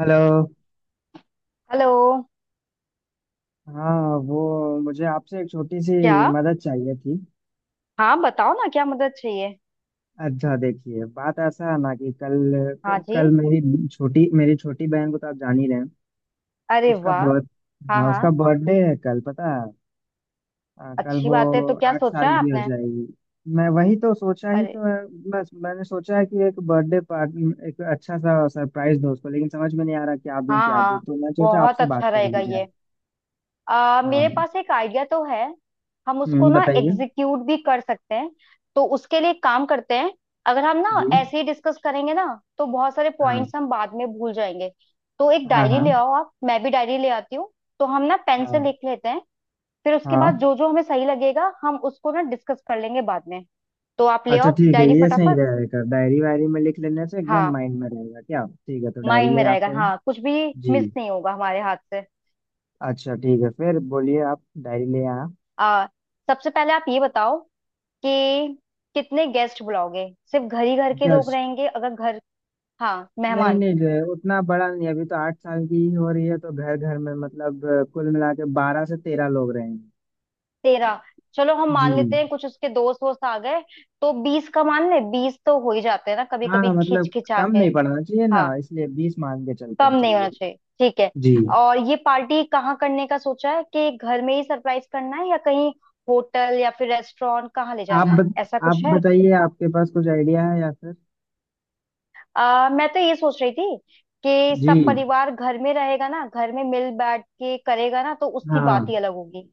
Hello. Hello. हाँ, वो मुझे आपसे एक छोटी सी क्या? मदद चाहिए थी। हाँ, बताओ ना, क्या मदद चाहिए? अच्छा, देखिए, बात ऐसा है ना कि कल हाँ जी। कल मेरी छोटी बहन को तो आप जान ही रहे हैं। अरे उसका वाह! बर्थ। हाँ हाँ, हाँ। उसका बर्थडे है कल, पता है? कल अच्छी वो बात है, तो क्या आठ सोचा साल है की हो आपने? जाएगी। मैं वही तो सोचा ही अरे! तो है। बस मैंने सोचा है कि एक बर्थडे पार्टी, एक अच्छा सा सरप्राइज दो उसको, लेकिन समझ में नहीं आ रहा क्या दूं हाँ क्या दूं, हाँ। तो मैं सोचा बहुत आपसे बात अच्छा कर रहेगा ली जाए। ये। मेरे हाँ। पास एक आइडिया तो है। हम उसको हम्म, ना बताइए। एग्जीक्यूट भी कर सकते हैं। तो उसके लिए एक काम करते हैं। अगर हम ना जी। ऐसे ही डिस्कस करेंगे ना, तो बहुत सारे हाँ। पॉइंट्स हम बाद में भूल जाएंगे। तो एक हाँ। डायरी हाँ। ले आओ आप, मैं भी डायरी ले आती हूँ। तो हम ना पेन से हाँ। लिख लेते हैं। फिर उसके बाद हाँ। जो जो हमें सही लगेगा, हम उसको ना डिस्कस कर लेंगे बाद में। तो आप ले अच्छा आओ ठीक है, डायरी ये सही फटाफट। रहेगा, डायरी वायरी में लिख लेने से एकदम हाँ, माइंड में रहेगा। क्या ठीक है, तो डायरी माइंड में ले रहेगा। आते हैं। हाँ, कुछ भी जी। मिस नहीं होगा हमारे हाथ से। अच्छा ठीक है, फिर बोलिए, आप डायरी ले आया। आ, सबसे पहले आप ये बताओ कि कितने गेस्ट बुलाओगे। सिर्फ घर ही घर के लोग गेस्ट। रहेंगे अगर घर। हाँ, नहीं मेहमान। नहीं रे, उतना बड़ा नहीं, अभी तो 8 साल की ही हो रही है, तो घर घर में मतलब कुल मिला के 12 से 13 लोग रहेंगे। 13? चलो हम जी। मान लेते हैं कुछ उसके दोस्त वोस्त आ गए, तो 20 का मान ले, 20 तो हो ही जाते हैं ना कभी हाँ, कभी खिंच मतलब खिंचा कम के। नहीं पड़ना चाहिए ना, हाँ, इसलिए 20 मान के चलते हैं, कम नहीं होना चलिए। चाहिए, ठीक है। जी। और ये पार्टी कहाँ करने का सोचा है, कि घर में ही सरप्राइज करना है या कहीं होटल या फिर रेस्टोरेंट कहाँ ले आप जाना है, बत, ऐसा आप कुछ है? बताइए आपके पास कुछ आइडिया है या फिर। मैं तो ये सोच रही थी कि सब जी। परिवार घर में रहेगा ना, घर में मिल बैठ के करेगा ना, तो उसकी बात हाँ, ही अलग होगी।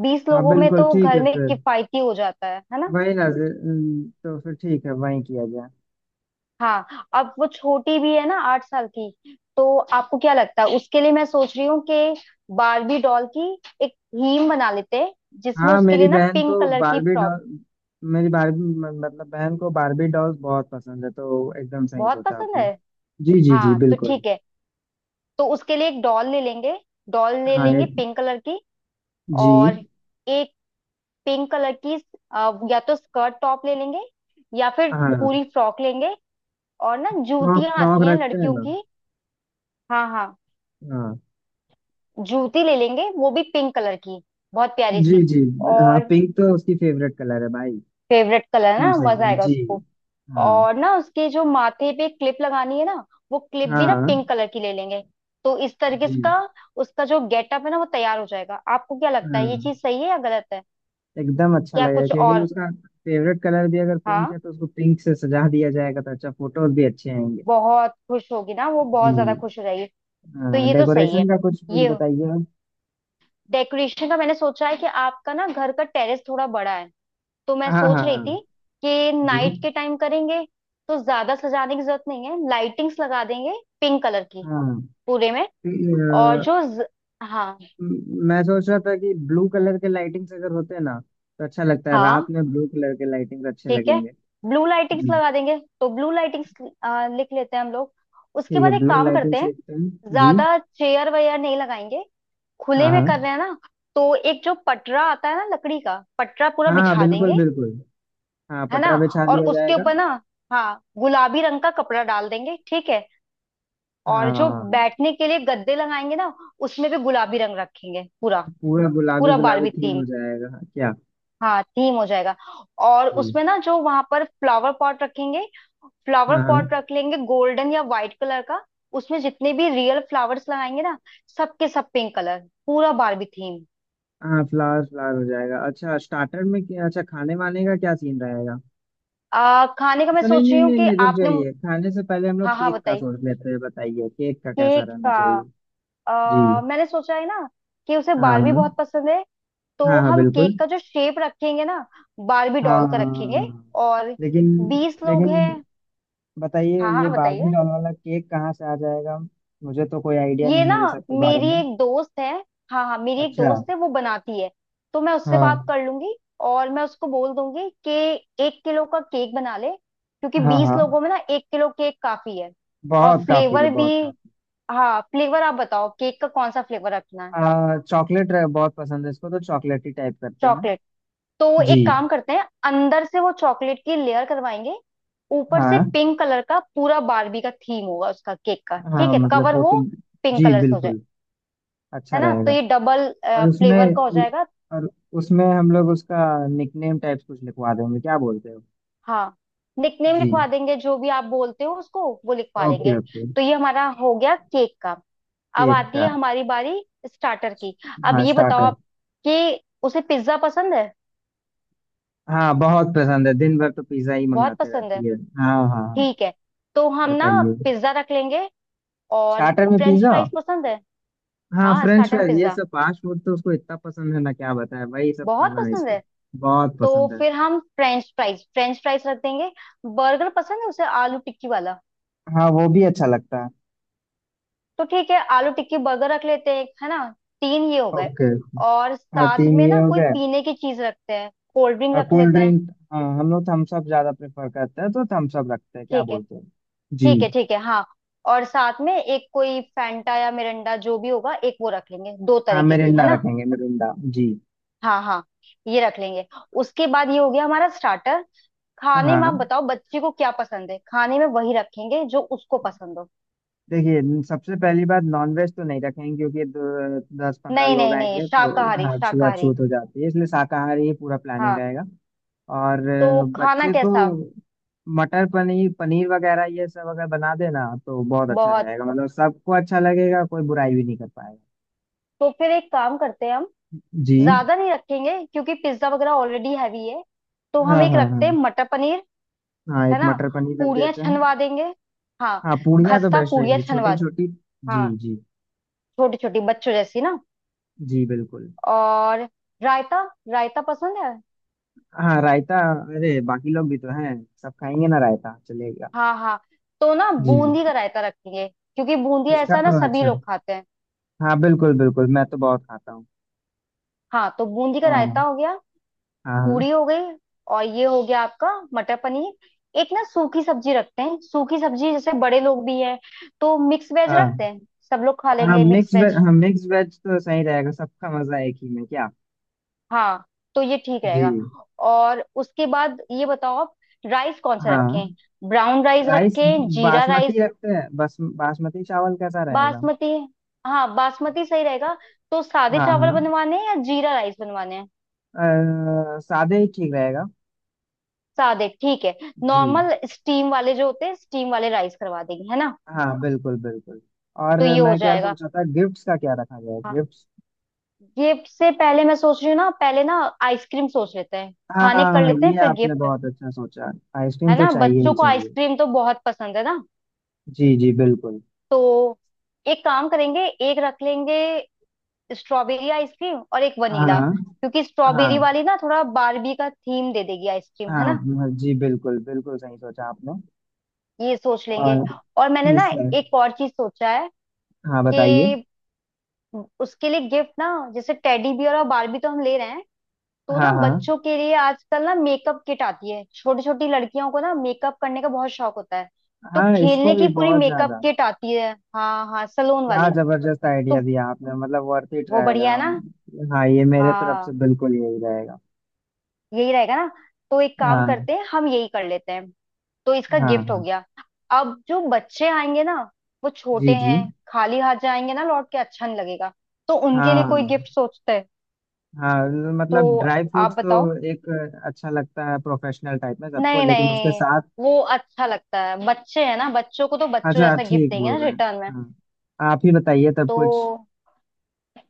बीस हाँ, लोगों में बिल्कुल तो ठीक घर है, में फिर किफायती हो जाता है ना। वही ना जी, तो फिर ठीक है वही किया जाए। हाँ, अब वो छोटी भी है ना, 8 साल की। तो आपको क्या लगता है, उसके लिए मैं सोच रही हूँ कि बारबी डॉल की एक थीम बना लेते हैं, जिसमें हाँ, उसके मेरी लिए ना बहन पिंक को कलर की बारबी फ्रॉक। डॉल। मेरी बारबी मतलब बहन को बारबी डॉल्स बहुत पसंद है, तो एकदम सही बहुत सोचा पसंद आपने। है। जी, जी, जी, हाँ तो बिल्कुल। ठीक है। तो उसके लिए एक डॉल ले लेंगे, डॉल ले हाँ, लेंगे एक। पिंक कलर की। जी। और एक पिंक कलर की या तो स्कर्ट टॉप ले लेंगे, या फिर हाँ। हाँ। पूरी फ्रॉक लेंगे। और ना फ्रॉक जूतियां फ्रॉक आती हैं रखते हैं लड़कियों ना। की। हाँ हाँ, हाँ। जूती ले लेंगे, वो भी पिंक कलर की, बहुत प्यारी जी, सी। जी। हाँ, और पिंक तो उसकी फेवरेट कलर है, भाई। फेवरेट कलर है एकदम ना, मजा सही आएगा जी। उसको। हाँ, और ना उसके जो माथे पे क्लिप लगानी है ना, वो क्लिप भी ना हाँ। पिंक कलर की ले लेंगे। तो इस तरीके से जी। का उसका जो गेटअप है ना, वो तैयार हो जाएगा। आपको क्या लगता है, ये हाँ, चीज सही है या गलत है? एकदम अच्छा क्या लगेगा कुछ क्योंकि और? उसका फेवरेट कलर भी अगर पिंक हाँ, है, तो उसको पिंक से सजा दिया जाएगा, तो अच्छा फोटोज भी अच्छे आएंगे। बहुत खुश होगी ना वो, बहुत ज्यादा जी। खुश हो जाएगी। तो हाँ, ये तो सही है। डेकोरेशन का कुछ कुछ ये बताइए आप। डेकोरेशन का मैंने सोचा है कि आपका ना घर का टेरेस थोड़ा बड़ा है, तो मैं हाँ, हाँ, सोच रही हाँ। थी कि जी। नाइट के टाइम करेंगे। तो ज्यादा सजाने की जरूरत नहीं है, लाइटिंग्स लगा देंगे पिंक कलर की हाँ। पूरे में। तो, और अ, जो ज... हाँ मैं सोच रहा था कि ब्लू कलर के लाइटिंग्स अगर होते ना तो अच्छा लगता है, हाँ रात में ब्लू कलर के लाइटिंग्स अच्छे ठीक है, लगेंगे। ब्लू लाइटिंग्स हम्म, लगा देंगे, तो ब्लू लाइटिंग्स लिख लेते हैं हम लोग। उसके ठीक है, बाद एक ब्लू काम करते लाइटिंग्स हैं, लिखते हैं। जी। ज्यादा चेयर वेयर नहीं लगाएंगे, खुले हाँ, में हाँ। कर रहे हैं ना। तो एक जो पटरा आता है ना, लकड़ी का पटरा पूरा हाँ, हाँ, बिछा बिल्कुल देंगे, बिल्कुल। हाँ, है ना। पटरा बिछा और दिया उसके जाएगा। ऊपर ना, हाँ, गुलाबी रंग का कपड़ा डाल देंगे, ठीक है। और जो हाँ, बैठने के लिए गद्दे लगाएंगे ना, उसमें भी गुलाबी रंग रखेंगे पूरा। पूरा गुलाबी पूरा गुलाबी बारबी थीम थीम। हो जाएगा। क्या। हाँ, थीम हो जाएगा। और जी। उसमें ना जो वहां पर फ्लावर पॉट रखेंगे, फ्लावर हाँ, पॉट हाँ। रख लेंगे गोल्डन या व्हाइट कलर का। उसमें जितने भी रियल फ्लावर्स लगाएंगे ना, सबके सब पिंक कलर, पूरा बारबी थीम। हाँ, फ्लावर फ्लावर हो जाएगा। अच्छा, स्टार्टर में क्या अच्छा खाने वाने का क्या सीन रहेगा? खाने का मैं अच्छा, नहीं सोच नहीं रही हूँ नहीं कि नहीं, रुक आपने। जाइए, खाने से पहले हम लोग हाँ हाँ केक का बताइए। सोच लेते हैं, बताइए केक का कैसा केक रहना का चाहिए। जी। मैंने सोचा है ना कि उसे हाँ, बारबी हाँ, बहुत पसंद है, तो हाँ। हाँ, हम बिल्कुल। केक का जो शेप रखेंगे ना, बारबी हाँ, डॉल हाँ, का हाँ, रखेंगे। हाँ। और लेकिन 20 लोग लेकिन हैं। बताइए, हाँ ये हाँ बार्बी बताइए। डॉल वाला केक कहाँ से आ जाएगा। मुझे तो कोई आइडिया ये नहीं ना, है ये सब के बारे मेरी में। एक दोस्त है। हाँ हाँ, मेरी एक अच्छा। दोस्त है, वो बनाती है। तो मैं उससे बात हाँ। कर लूंगी। और मैं उसको बोल दूंगी कि 1 किलो का केक बना ले, क्योंकि हाँ, 20 हाँ। लोगों में ना 1 किलो केक काफी है। और बहुत काफी है, फ्लेवर भी। बहुत काफी। हाँ, फ्लेवर आप बताओ केक का, कौन सा फ्लेवर रखना है? आ चॉकलेट बहुत पसंद है इसको, तो चॉकलेट ही टाइप करते हैं। चॉकलेट, तो जी। एक काम करते हैं, अंदर से वो चॉकलेट की लेयर करवाएंगे। ऊपर से हाँ। पिंक कलर का पूरा बारबी का थीम होगा उसका केक का, ठीक हाँ, है। मतलब कवर वो कोटिंग। पिंक जी, कलर से हो जाए। बिल्कुल। अच्छा है ना, तो रहेगा। ये डबल और उसमें फ्लेवर का हो जाएगा। और उसमें हम लोग उसका निकनेम टाइप्स कुछ लिखवा देंगे, क्या बोलते हो? हाँ, निकनेम जी। लिखवा देंगे, जो भी आप बोलते हो उसको वो लिखवा लेंगे। Okay, okay. तो ये हमारा हो गया केक का। अब केक आती का। है हमारी बारी स्टार्टर की। अब हाँ, ये बताओ स्टार्टर। आप कि उसे पिज्जा पसंद है। हाँ, बहुत पसंद है, दिन भर तो पिज्ज़ा ही बहुत मंगाते पसंद है, रहती है। हाँ, हाँ, हाँ। ठीक है। तो हम ना बताइए। पिज्जा रख लेंगे। और स्टार्टर में फ्रेंच पिज्ज़ा। फ्राइज पसंद है। हाँ, हाँ, फ्रेंच स्टार्टर फ्राइज, ये पिज्जा सब फास्ट फूड तो उसको इतना पसंद है ना, क्या बताए, वही सब बहुत खाना है पसंद इसको। है। बहुत तो पसंद है। फिर हम फ्रेंच फ्राइज रख देंगे। बर्गर पसंद है उसे, आलू टिक्की वाला। हाँ, वो भी अच्छा लगता है। तो ठीक है, आलू टिक्की बर्गर रख लेते हैं एक, है ना। तीन ये हो गए। ओके। और हाँ, साथ तीन में ये ना हो कोई गए। पीने की चीज रखते हैं, कोल्ड ड्रिंक रख कोल्ड लेते हैं। ड्रिंक, हाँ, हम लोग थम्स अप ज्यादा प्रेफर करते हैं, तो थम्स अप रखते हैं, क्या ठीक है, बोलते हैं? जी। ठीक है ठीक है, हाँ। और साथ में एक कोई फैंटा या मिरिंडा जो भी होगा, एक वो रख लेंगे, दो हाँ, तरीके की, मिरिंडा है ना। रखेंगे मिरिंडा। जी। हाँ हाँ, ये रख लेंगे। उसके बाद ये हो गया हमारा स्टार्टर। खाने में आप हाँ, बताओ बच्चे को क्या पसंद है, खाने में वही रखेंगे जो उसको पसंद हो। देखिए, सबसे पहली बात, नॉनवेज तो नहीं रखेंगे क्योंकि 10-15 नहीं लोग नहीं नहीं, आएंगे, तो शाकाहारी हाँ शाकाहारी, छूआछूत हो जाती है, इसलिए शाकाहारी ही पूरा प्लानिंग हाँ। रहेगा। और तो खाना बच्चे को कैसा? मटर पनीर, पनीर वगैरह ये सब अगर बना देना तो बहुत अच्छा बहुत। रहेगा, मतलब सबको अच्छा लगेगा, कोई बुराई भी नहीं कर पाएगा। तो फिर एक काम करते हैं हम, जी, ज्यादा नहीं रखेंगे क्योंकि पिज्जा वगैरह ऑलरेडी हैवी है। तो हाँ, हम एक हाँ, रखते हैं हाँ। मटर पनीर, हाँ, एक है ना। मटर पनीर रख पूड़ियाँ देते हैं। छनवा देंगे। हाँ, हाँ, पूड़ियाँ तो खस्ता बेस्ट पूड़ियाँ रहेंगी छनवा छोटी दें। छोटी। जी, हाँ, जी। छोटी छोटी बच्चों जैसी ना। जी, बिल्कुल। और रायता, रायता पसंद है। हाँ, रायता। अरे, बाकी लोग भी तो हैं, सब खाएंगे ना, रायता चलेगा। हाँ हाँ, तो ना जी। बूंदी का रायता रख लिए, क्योंकि बूंदी इसका। ऐसा ना सभी अच्छा। लोग खाते हैं। हाँ, बिल्कुल बिल्कुल, मैं तो बहुत खाता हूँ। हाँ, तो बूंदी का रायता हाँ। हो गया। हाँ। पूरी हो गई, और ये हो गया आपका मटर पनीर। एक ना सूखी सब्जी रखते हैं, सूखी सब्जी जैसे, बड़े लोग भी हैं, तो मिक्स वेज रखते हाँ, हैं। सब लोग खा हाँ लेंगे मिक्स मिक्स वेज। वेज। हाँ, मिक्स वेज तो सही रहेगा, सबका मजा एक ही में, क्या। हाँ, तो ये ठीक जी। रहेगा। और उसके बाद ये बताओ आप, राइस कौन सा हाँ, रखें? Brown rice rice. रखें, जीरा राइस? बासमती रखते हैं बस, बासमती चावल कैसा रहेगा? बासमती, हाँ बासमती सही रहेगा। तो सादे हाँ, चावल हाँ। बनवाने हैं या जीरा राइस बनवाने हैं? सादे ही ठीक रहेगा। सादे ठीक है। जी। नॉर्मल स्टीम वाले जो होते हैं, स्टीम वाले राइस करवा देंगे, है ना। हाँ, बिल्कुल बिल्कुल। और तो ये हो मैं क्या जाएगा। सोच रहा था, गिफ्ट्स का क्या रखा जाए, हाँ, गिफ्ट्स? ये से पहले मैं सोच रही हूँ ना, पहले ना आइसक्रीम सोच लेते हैं, खाने कर हाँ, लेते हैं, ये फिर आपने गिफ्ट। बहुत अच्छा सोचा। आइसक्रीम है तो ना, चाहिए बच्चों ही को चाहिए। आइसक्रीम तो बहुत पसंद है ना। जी, जी, बिल्कुल। तो एक काम करेंगे, एक रख लेंगे स्ट्रॉबेरी आइसक्रीम और एक वनीला, हाँ, क्योंकि स्ट्रॉबेरी हाँ, वाली ना थोड़ा बारबी का थीम दे देगी आइसक्रीम, हाँ। है ना। हाँ, जी, बिल्कुल बिल्कुल सही सोचा आपने। ये सोच लेंगे। और। और मैंने ना ठीक है। एक और चीज सोचा है, हाँ, बताइए। कि उसके लिए गिफ्ट ना, जैसे टेडी बियर और बारबी तो हम ले रहे हैं, तो हाँ, ना हाँ। बच्चों के लिए आजकल ना मेकअप किट आती है, छोटी छोटी लड़कियों को ना मेकअप करने का बहुत शौक होता है। तो हाँ, इसको खेलने भी की पूरी बहुत मेकअप ज्यादा। किट आती है। हाँ हाँ, सलोन क्या वाली। जबरदस्त आइडिया तो दिया आपने, मतलब वर्थ इट वो रहेगा, बढ़िया है ना। हम। हाँ, ये मेरे तरफ से हाँ, बिल्कुल यही रहेगा। यही रहेगा ना। तो एक काम हाँ, करते हैं, हम यही कर लेते हैं। तो इसका हाँ। गिफ्ट हो हाँ। गया। अब जो बच्चे आएंगे ना, वो जी, छोटे जी। हैं, खाली हाथ जाएंगे ना, लौट के अच्छा नहीं लगेगा। तो उनके लिए कोई गिफ्ट हाँ। सोचते हैं। हाँ, तो मतलब ड्राई फ्रूट्स आप बताओ। तो एक अच्छा लगता है प्रोफेशनल टाइप में सबको, नहीं लेकिन उसके नहीं, साथ। वो अच्छा लगता है, बच्चे हैं ना, बच्चों को तो बच्चों अच्छा, जैसा गिफ्ट ठीक देंगे बोल ना रहे हैं। रिटर्न में। हाँ, आप ही बताइए तब तो कुछ।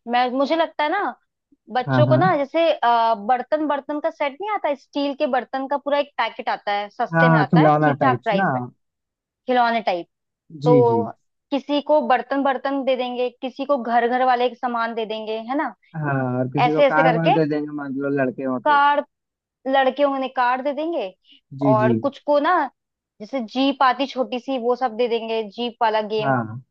मैं, मुझे लगता है ना, हाँ, बच्चों को ना, हाँ। जैसे बर्तन बर्तन का सेट नहीं आता, स्टील के बर्तन का पूरा एक पैकेट आता है, सस्ते में हाँ, आता है, खिलौना ठीक ठाक टाइप्स ना। प्राइस में। खिलौने टाइप। जी, जी। तो किसी को बर्तन बर्तन दे देंगे, किसी को घर घर वाले के सामान दे देंगे, है ना। हाँ, और किसी को ऐसे ऐसे कार वार करके। दे देंगे, मान लो लड़के हो तो। कार्ड, लड़के होंगे कार्ड दे देंगे। जी, जी। और कुछ को ना, जैसे जीप आती छोटी सी, वो सब दे देंगे, जीप वाला गेम। हाँ,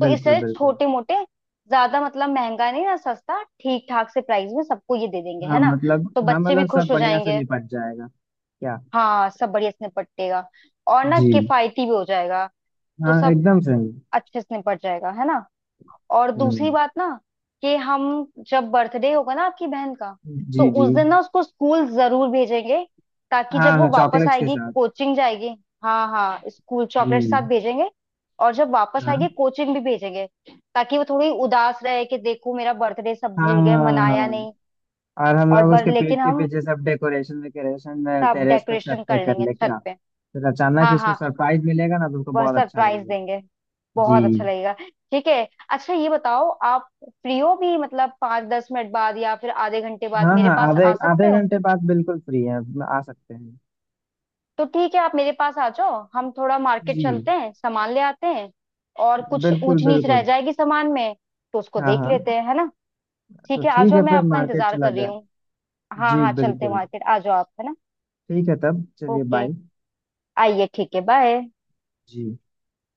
तो बिल्कुल इससे बिल्कुल। छोटे मोटे, ज्यादा मतलब महंगा नहीं ना, सस्ता ठीक ठाक से प्राइस में सबको ये दे देंगे, हाँ, है ना। मतलब, तो हाँ, बच्चे भी मतलब सब खुश हो बढ़िया से जाएंगे। निपट जाएगा। क्या। हाँ, सब बढ़िया से निपटेगा, और ना जी। किफायती भी हो जाएगा। तो हाँ, सब एकदम सही। अच्छे से निपट जाएगा, है ना। और दूसरी हम्म। बात ना, कि हम जब बर्थडे होगा ना आपकी बहन का, तो जी, जी। उस दिन ना उसको स्कूल जरूर भेजेंगे, ताकि जब हाँ, वो हाँ, वापस चॉकलेट्स के आएगी साथ। कोचिंग जाएगी। हाँ हाँ, स्कूल चॉकलेट साथ जी। भेजेंगे। और जब वापस आएगी हाँ। कोचिंग भी भेजेंगे, ताकि वो थोड़ी उदास रहे कि देखो मेरा बर्थडे सब भूल गए, मनाया हाँ, नहीं। और हम और लोग बर उसके पीठ लेकिन के हम पीछे सब डेकोरेशन वेकोरेशन। सब टेरेस पे, छत डेकोरेशन पे कर कर लेंगे ले छत क्या? पे। फिर अचानक हाँ उसको हाँ, सरप्राइज मिलेगा ना, तो उसको वह बहुत अच्छा सरप्राइज लगेगा। देंगे, जी। बहुत अच्छा लगेगा। ठीक है। अच्छा ये बताओ आप फ्री हो भी, मतलब 5 10 मिनट बाद या फिर आधे घंटे बाद हाँ, मेरे हाँ, पास आधे आ सकते आधे हो? घंटे बाद बिल्कुल फ्री है। आ सकते हैं। तो ठीक है, आप मेरे पास आ जाओ, हम थोड़ा मार्केट जी। चलते हैं, सामान ले आते हैं। और कुछ बिल्कुल ऊंच नीच रह बिल्कुल। जाएगी सामान में, तो उसको हाँ, देख हाँ। लेते हैं, है ना। तो ठीक है, आ ठीक जाओ, है, मैं फिर आपका मार्केट इंतजार चला कर रही जाए। हूँ। हाँ जी, हाँ, चलते हैं बिल्कुल। मार्केट, आ जाओ आप, है ना। ठीक है, तब चलिए, ओके, बाय। आइए, ठीक है, बाय। जी।